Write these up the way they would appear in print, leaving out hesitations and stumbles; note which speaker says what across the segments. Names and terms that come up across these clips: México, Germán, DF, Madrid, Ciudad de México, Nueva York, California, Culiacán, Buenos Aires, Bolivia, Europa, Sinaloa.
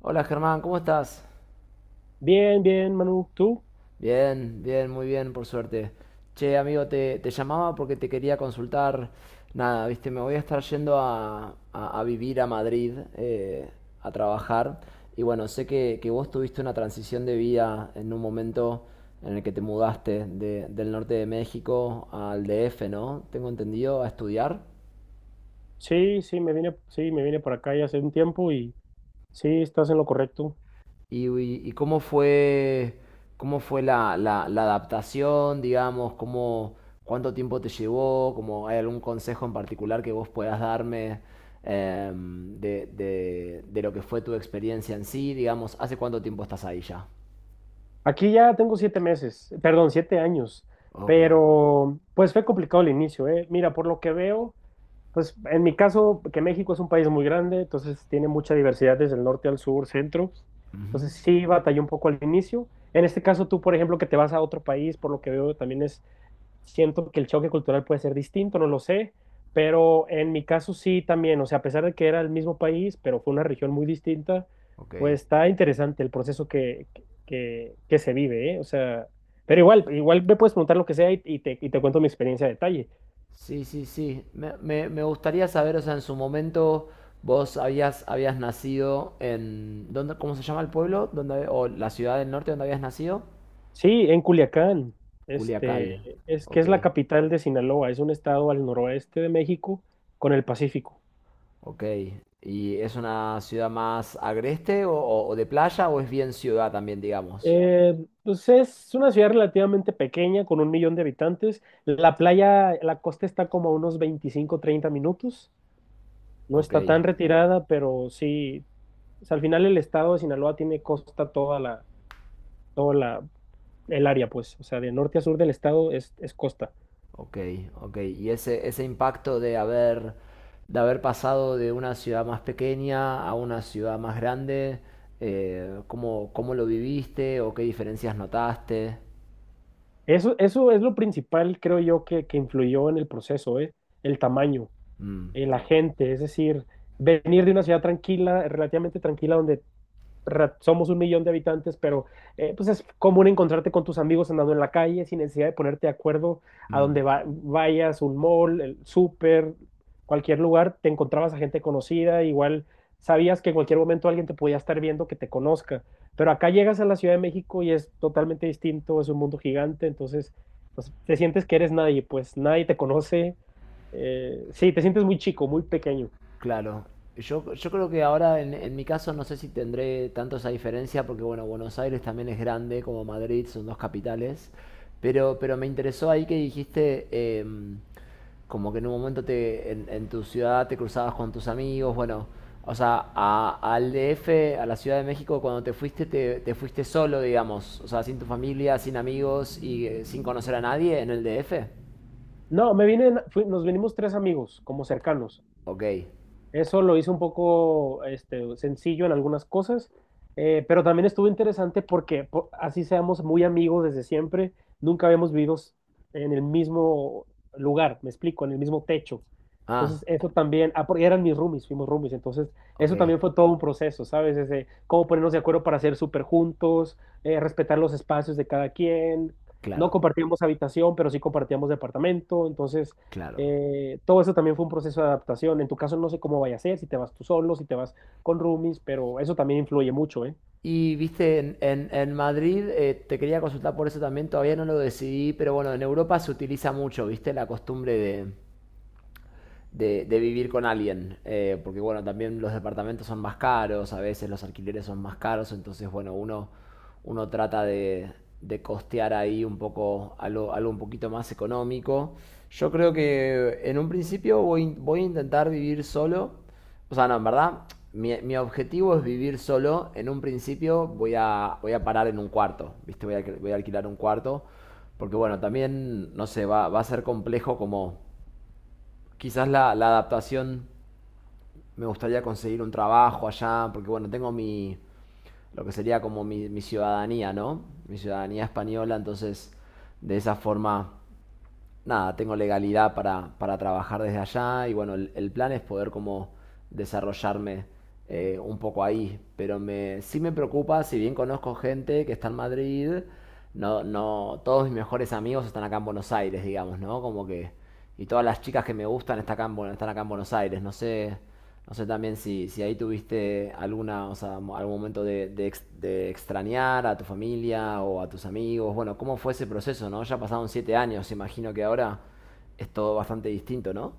Speaker 1: Hola Germán, ¿cómo estás?
Speaker 2: Bien, bien, Manu. ¿Tú?
Speaker 1: Bien, bien, muy bien, por suerte. Che, amigo, te llamaba porque te quería consultar. Nada, viste, me voy a estar yendo a vivir a Madrid, a trabajar. Y bueno, sé que vos tuviste una transición de vida en un momento en el que te mudaste del norte de México al DF, ¿no? Tengo entendido, a estudiar.
Speaker 2: Sí, sí, me vine por acá ya hace un tiempo y sí, estás en lo correcto.
Speaker 1: ¿Y cómo fue la adaptación, digamos? ¿Cuánto tiempo te llevó? ¿Hay algún consejo en particular que vos puedas darme de lo que fue tu experiencia en sí? Digamos, ¿hace cuánto tiempo estás ahí ya?
Speaker 2: Aquí ya tengo 7 meses, perdón, 7 años,
Speaker 1: Ok.
Speaker 2: pero pues fue complicado el inicio, ¿eh? Mira, por lo que veo, pues en mi caso, que México es un país muy grande, entonces tiene mucha diversidad desde el norte al sur, centro,
Speaker 1: Ujú.
Speaker 2: entonces sí batallé un poco al inicio. En este caso, tú, por ejemplo, que te vas a otro país, por lo que veo, también siento que el choque cultural puede ser distinto, no lo sé, pero en mi caso sí también, o sea, a pesar de que era el mismo país, pero fue una región muy distinta,
Speaker 1: Ok.
Speaker 2: pues está interesante el proceso que se vive, ¿eh? O sea, pero igual me puedes preguntar lo que sea y te cuento mi experiencia a detalle.
Speaker 1: Sí, sí, sí. Me gustaría saber, o sea, en su momento vos habías nacido en... ¿dónde, cómo se llama el pueblo? ¿Dónde, o la ciudad del norte donde habías nacido?
Speaker 2: Sí, en Culiacán,
Speaker 1: Culiacán,
Speaker 2: este, es que
Speaker 1: ok,
Speaker 2: es la capital de Sinaloa, es un estado al noroeste de México con el Pacífico.
Speaker 1: ok. ¿Y es una ciudad más agreste o de playa o es bien ciudad también, digamos?
Speaker 2: Eh, pues es una ciudad relativamente pequeña, con un millón de habitantes. La playa, la costa está como a unos 25, 30 minutos. No
Speaker 1: Ok,
Speaker 2: está tan retirada, pero sí, o sea, al final el estado de Sinaloa tiene costa toda la, el área, pues, o sea, de norte a sur del estado es costa.
Speaker 1: ok, ok. ¿Y ese impacto de haber pasado de una ciudad más pequeña a una ciudad más grande, ¿cómo lo viviste o qué diferencias notaste?
Speaker 2: Eso es lo principal, creo yo, que influyó en el proceso, ¿eh? El tamaño,
Speaker 1: Mm,
Speaker 2: la gente, es decir, venir de una ciudad tranquila, relativamente tranquila, donde somos un millón de habitantes, pero pues es común encontrarte con tus amigos andando en la calle sin necesidad de ponerte de acuerdo a
Speaker 1: mm.
Speaker 2: donde vayas, un mall, el súper, cualquier lugar, te encontrabas a gente conocida, igual sabías que en cualquier momento alguien te podía estar viendo que te conozca, pero acá llegas a la Ciudad de México y es totalmente distinto, es un mundo gigante, entonces pues, te sientes que eres nadie, pues nadie te conoce, sí, te sientes muy chico, muy pequeño.
Speaker 1: Claro, yo creo que ahora en mi caso no sé si tendré tanto esa diferencia porque bueno, Buenos Aires también es grande como Madrid, son dos capitales, pero me interesó ahí que dijiste em, como que en un momento en tu ciudad te cruzabas con tus amigos, bueno, o sea, al DF, a la Ciudad de México, cuando te fuiste, te fuiste solo, digamos, o sea, sin tu familia, sin amigos y sin conocer a nadie en el DF.
Speaker 2: No, me vine, nos vinimos tres amigos, como cercanos.
Speaker 1: Ok.
Speaker 2: Eso lo hizo un poco este, sencillo en algunas cosas, pero también estuvo interesante porque así seamos muy amigos desde siempre, nunca habíamos vivido en el mismo lugar, me explico, en el mismo techo.
Speaker 1: Ah,
Speaker 2: Entonces, eso también, porque eran mis roomies, fuimos roomies, entonces
Speaker 1: ok.
Speaker 2: eso también fue todo un proceso, ¿sabes? Desde cómo ponernos de acuerdo para ser súper juntos, respetar los espacios de cada quien, no
Speaker 1: Claro,
Speaker 2: compartíamos habitación, pero sí compartíamos departamento, entonces
Speaker 1: claro.
Speaker 2: todo eso también fue un proceso de adaptación. En tu caso no sé cómo vaya a ser, si te vas tú solo, si te vas con roomies, pero eso también influye mucho, ¿eh?
Speaker 1: Y viste, en Madrid, te quería consultar por eso también, todavía no lo decidí, pero bueno, en Europa se utiliza mucho, viste, la costumbre de vivir con alguien, porque bueno, también los departamentos son más caros, a veces los alquileres son más caros, entonces bueno, uno trata de costear ahí un poco algo un poquito más económico. Yo creo que en un principio voy a intentar vivir solo, o sea, no, en verdad, mi objetivo es vivir solo, en un principio voy a parar en un cuarto, ¿viste? Voy a alquilar un cuarto, porque bueno, también, no sé, va a ser complejo como. Quizás la adaptación me gustaría conseguir un trabajo allá, porque bueno, tengo lo que sería como mi ciudadanía, ¿no? Mi ciudadanía española, entonces de esa forma nada, tengo legalidad para trabajar desde allá y bueno, el plan es poder como desarrollarme un poco ahí, pero sí me preocupa, si bien conozco gente que está en Madrid, no, no, todos mis mejores amigos están acá en Buenos Aires, digamos, ¿no? Como que, y todas las chicas que me gustan están acá en Buenos Aires, no sé también si ahí tuviste alguna, o sea, algún momento de extrañar a tu familia o a tus amigos. Bueno, ¿cómo fue ese proceso, no? Ya pasaron 7 años, imagino que ahora es todo bastante distinto, ¿no?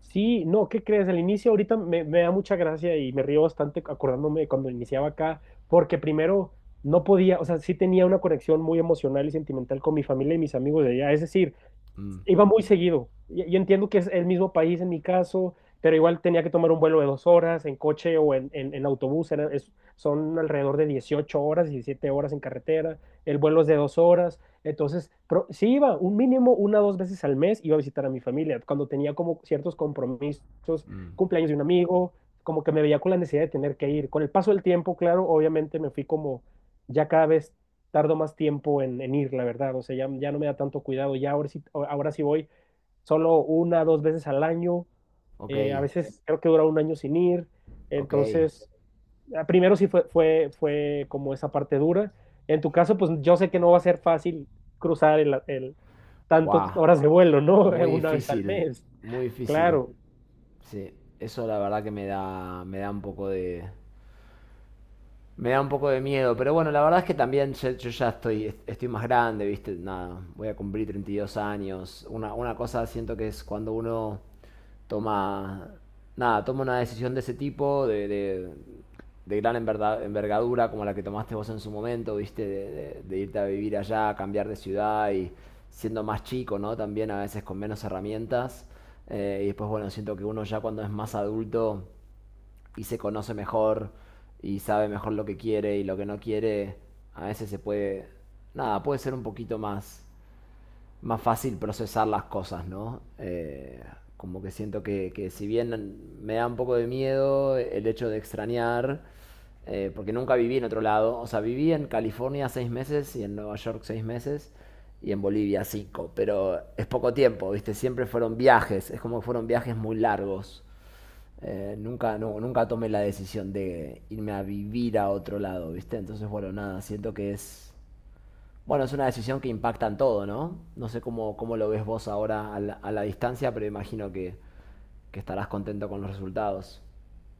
Speaker 2: Sí, no, ¿qué crees? Al inicio ahorita me da mucha gracia y me río bastante acordándome de cuando iniciaba acá, porque primero no podía, o sea, sí tenía una conexión muy emocional y sentimental con mi familia y mis amigos de allá. Es decir,
Speaker 1: Mm,
Speaker 2: iba muy seguido. Yo entiendo que es el mismo país en mi caso, pero igual tenía que tomar un vuelo de 2 horas en coche o en autobús. Son alrededor de 18 horas, 17 horas en carretera. El vuelo es de 2 horas. Entonces, sí iba un mínimo una o dos veces al mes, iba a visitar a mi familia. Cuando tenía como ciertos compromisos,
Speaker 1: mm.
Speaker 2: cumpleaños de un amigo, como que me veía con la necesidad de tener que ir. Con el paso del tiempo, claro, obviamente me fui como ya cada vez tardo más tiempo en ir, la verdad. O sea, ya, ya no me da tanto cuidado. Ya ahora sí voy solo una, dos veces al año.
Speaker 1: Ok,
Speaker 2: A veces creo que dura un año sin ir.
Speaker 1: ok.
Speaker 2: Entonces, primero sí fue, como esa parte dura. En tu caso, pues yo sé que no va a ser fácil cruzar el tantas
Speaker 1: Wow.
Speaker 2: horas de vuelo, ¿no?
Speaker 1: Muy
Speaker 2: Una vez al
Speaker 1: difícil,
Speaker 2: mes,
Speaker 1: muy difícil.
Speaker 2: claro.
Speaker 1: Sí, eso la verdad que me da un poco de miedo, pero bueno, la verdad es que también yo ya estoy más grande, ¿viste? Nada, voy a cumplir 32 años. Una cosa siento que es cuando uno toma, nada, toma una decisión de ese tipo, de gran envergadura como la que tomaste vos en su momento, ¿viste? De irte a vivir allá, cambiar de ciudad y siendo más chico, ¿no? También a veces con menos herramientas. Y después, bueno, siento que uno ya cuando es más adulto y se conoce mejor y sabe mejor lo que quiere y lo que no quiere, a veces nada, puede ser un poquito más, fácil procesar las cosas, ¿no? Como que siento que si bien me da un poco de miedo el hecho de extrañar, porque nunca viví en otro lado, o sea, viví en California 6 meses y en Nueva York 6 meses y en Bolivia 5, pero es poco tiempo, ¿viste? Siempre fueron viajes, es como que fueron viajes muy largos. Nunca, No, nunca tomé la decisión de irme a vivir a otro lado, ¿viste? Entonces, bueno, nada, siento que bueno, es una decisión que impacta en todo, ¿no? No sé cómo lo ves vos ahora a la distancia, pero imagino que estarás contento con los resultados.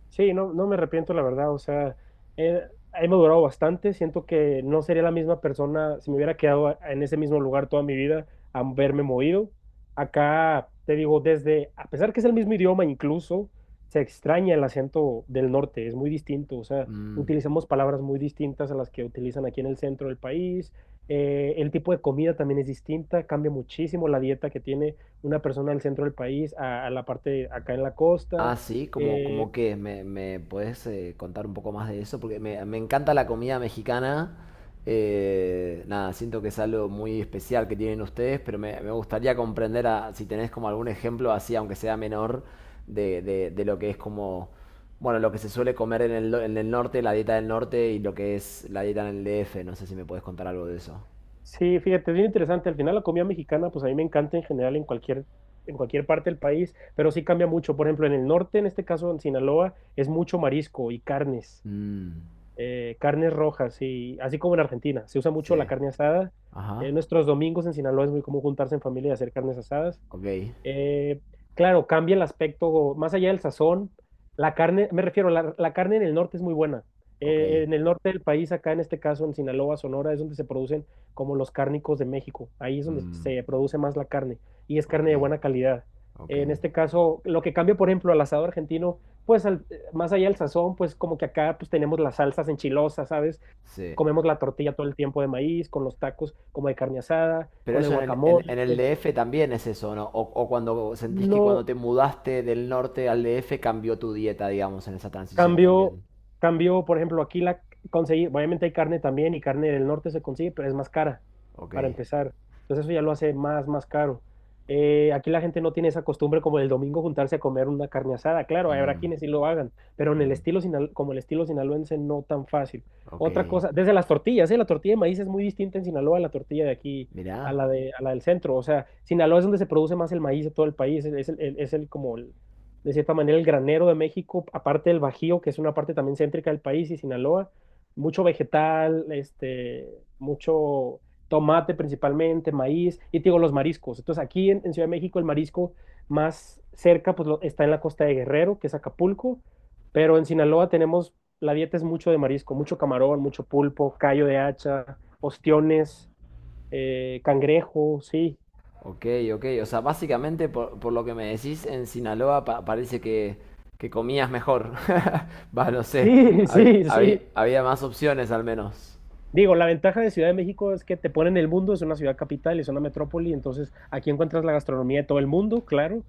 Speaker 2: Sí, no, no me arrepiento, la verdad. O sea, eh, he madurado bastante. Siento que no sería la misma persona si me hubiera quedado en ese mismo lugar toda mi vida, a verme movido. Acá, te digo, desde, a pesar que es el mismo idioma, incluso se extraña el acento del norte, es muy distinto. O sea,
Speaker 1: Mm.
Speaker 2: utilizamos palabras muy distintas a las que utilizan aquí en el centro del país. El tipo de comida también es distinta, cambia muchísimo la dieta que tiene una persona del centro del país a la parte acá en la
Speaker 1: Ah,
Speaker 2: costa.
Speaker 1: sí, como
Speaker 2: eh,
Speaker 1: que me puedes contar un poco más de eso, porque me encanta la comida mexicana. Nada, siento que es algo muy especial que tienen ustedes, pero me gustaría comprender si tenés como algún ejemplo así, aunque sea menor, de lo que es como, bueno, lo que se suele comer en el norte, la dieta del norte y lo que es la dieta en el DF. No sé si me puedes contar algo de eso.
Speaker 2: Sí, fíjate, es bien interesante. Al final la comida mexicana, pues a mí me encanta en general en cualquier parte del país, pero sí cambia mucho. Por ejemplo, en el norte, en este caso en Sinaloa, es mucho marisco y carnes,
Speaker 1: Mm,
Speaker 2: carnes rojas, y así como en Argentina, se usa mucho la
Speaker 1: sí.
Speaker 2: carne asada.
Speaker 1: Ajá.
Speaker 2: En nuestros domingos en Sinaloa es muy común juntarse en familia y hacer carnes asadas.
Speaker 1: Ok.
Speaker 2: Eh, claro, cambia el aspecto, más allá del sazón, la carne, me refiero, la carne en el norte es muy buena.
Speaker 1: Ok.
Speaker 2: En el norte del país, acá en este caso en Sinaloa, Sonora, es donde se producen como los cárnicos de México. Ahí es donde
Speaker 1: Mm,
Speaker 2: se produce más la carne y es
Speaker 1: ok.
Speaker 2: carne de buena calidad.
Speaker 1: Ok.
Speaker 2: En este caso, lo que cambia, por ejemplo, al asado argentino, pues más allá del sazón, pues como que acá pues tenemos las salsas enchilosas, ¿sabes?
Speaker 1: Sí.
Speaker 2: Comemos la tortilla todo el tiempo de maíz, con los tacos como de carne asada,
Speaker 1: Pero
Speaker 2: con el
Speaker 1: eso en el
Speaker 2: guacamole.
Speaker 1: DF también es eso, ¿no? O cuando sentís que cuando
Speaker 2: No,
Speaker 1: te mudaste del norte al DF cambió tu dieta, digamos, en esa transición
Speaker 2: Cambio,
Speaker 1: también.
Speaker 2: cambio, por ejemplo, aquí la conseguí, obviamente hay carne también y carne del norte se consigue, pero es más cara
Speaker 1: Ok.
Speaker 2: para empezar. Entonces eso ya lo hace más caro. Aquí la gente no tiene esa costumbre como el domingo juntarse a comer una carne asada. Claro, habrá
Speaker 1: Mm,
Speaker 2: quienes sí lo hagan, pero en el
Speaker 1: mm,
Speaker 2: estilo como el estilo sinaloense no tan fácil.
Speaker 1: ok.
Speaker 2: Otra cosa, desde las tortillas, ¿eh? La tortilla de maíz es muy distinta en Sinaloa a la tortilla de aquí,
Speaker 1: Mirá.
Speaker 2: a la del centro. O sea, Sinaloa es donde se produce más el maíz de todo el país, es de cierta manera el granero de México, aparte del Bajío, que es una parte también céntrica del país, y Sinaloa, mucho vegetal, este, mucho tomate principalmente, maíz, y te digo los mariscos. Entonces aquí en, Ciudad de México el marisco más cerca pues está en la costa de Guerrero, que es Acapulco, pero en Sinaloa tenemos, la dieta es mucho de marisco, mucho camarón, mucho pulpo, callo de hacha, ostiones, cangrejo, sí.
Speaker 1: Ok, ok. O sea, básicamente por lo que me decís, en Sinaloa parece que comías mejor. Va, no sé.
Speaker 2: Sí,
Speaker 1: Había,
Speaker 2: sí,
Speaker 1: había,
Speaker 2: sí.
Speaker 1: había más opciones al menos.
Speaker 2: Digo, la ventaja de Ciudad de México es que te ponen el mundo, es una ciudad capital, es una metrópoli, entonces aquí encuentras la gastronomía de todo el mundo, claro.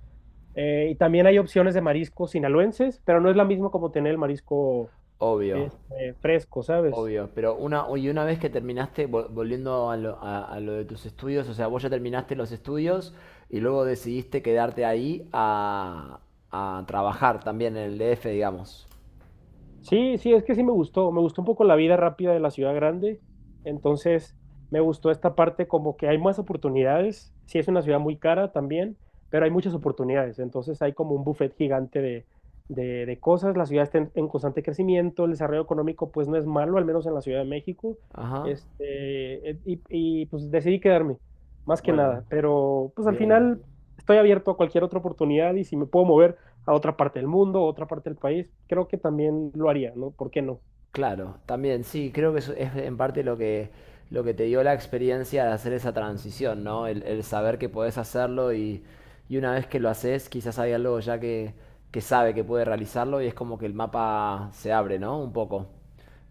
Speaker 2: Y también hay opciones de mariscos sinaloenses, pero no es la misma como tener el marisco
Speaker 1: Obvio.
Speaker 2: este, fresco, ¿sabes?
Speaker 1: Obvio, pero y una vez que terminaste, volviendo a lo de tus estudios, o sea, vos ya terminaste los estudios y luego decidiste quedarte ahí a trabajar también en el DF, digamos.
Speaker 2: Sí, sí, es que sí me gustó un poco la vida rápida de la ciudad grande, entonces me gustó esta parte como que hay más oportunidades, sí es una ciudad muy cara también, pero hay muchas oportunidades, entonces hay como un buffet gigante de cosas, la ciudad está en constante crecimiento, el desarrollo económico pues no es malo, al menos en la Ciudad de México,
Speaker 1: Ajá,
Speaker 2: este, pues decidí quedarme, más que
Speaker 1: bueno,
Speaker 2: nada, pero pues al
Speaker 1: bien.
Speaker 2: final estoy abierto a cualquier otra oportunidad y si me puedo mover a otra parte del mundo, a otra parte del país, creo que también lo haría, ¿no? ¿Por qué no?
Speaker 1: Claro, también sí, creo que eso es en parte lo que te dio la experiencia de hacer esa transición, ¿no? El saber que podés hacerlo y una vez que lo haces, quizás hay algo ya que sabe que puede realizarlo y es como que el mapa se abre, ¿no? Un poco.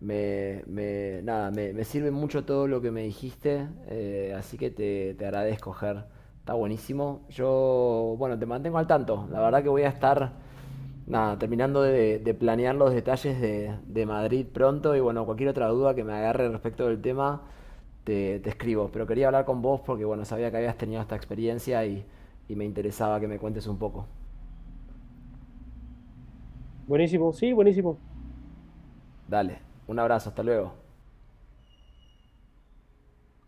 Speaker 1: Nada, me sirve mucho todo lo que me dijiste, así que te agradezco, Ger. Está buenísimo. Yo, bueno, te mantengo al tanto. La verdad que voy a estar. Nada, terminando de planear los detalles de Madrid pronto y bueno, cualquier otra duda que me agarre respecto del tema, te escribo. Pero quería hablar con vos porque bueno, sabía que habías tenido esta experiencia y me interesaba que me cuentes un poco.
Speaker 2: Buenísimo, sí, buenísimo.
Speaker 1: Dale, un abrazo, hasta luego.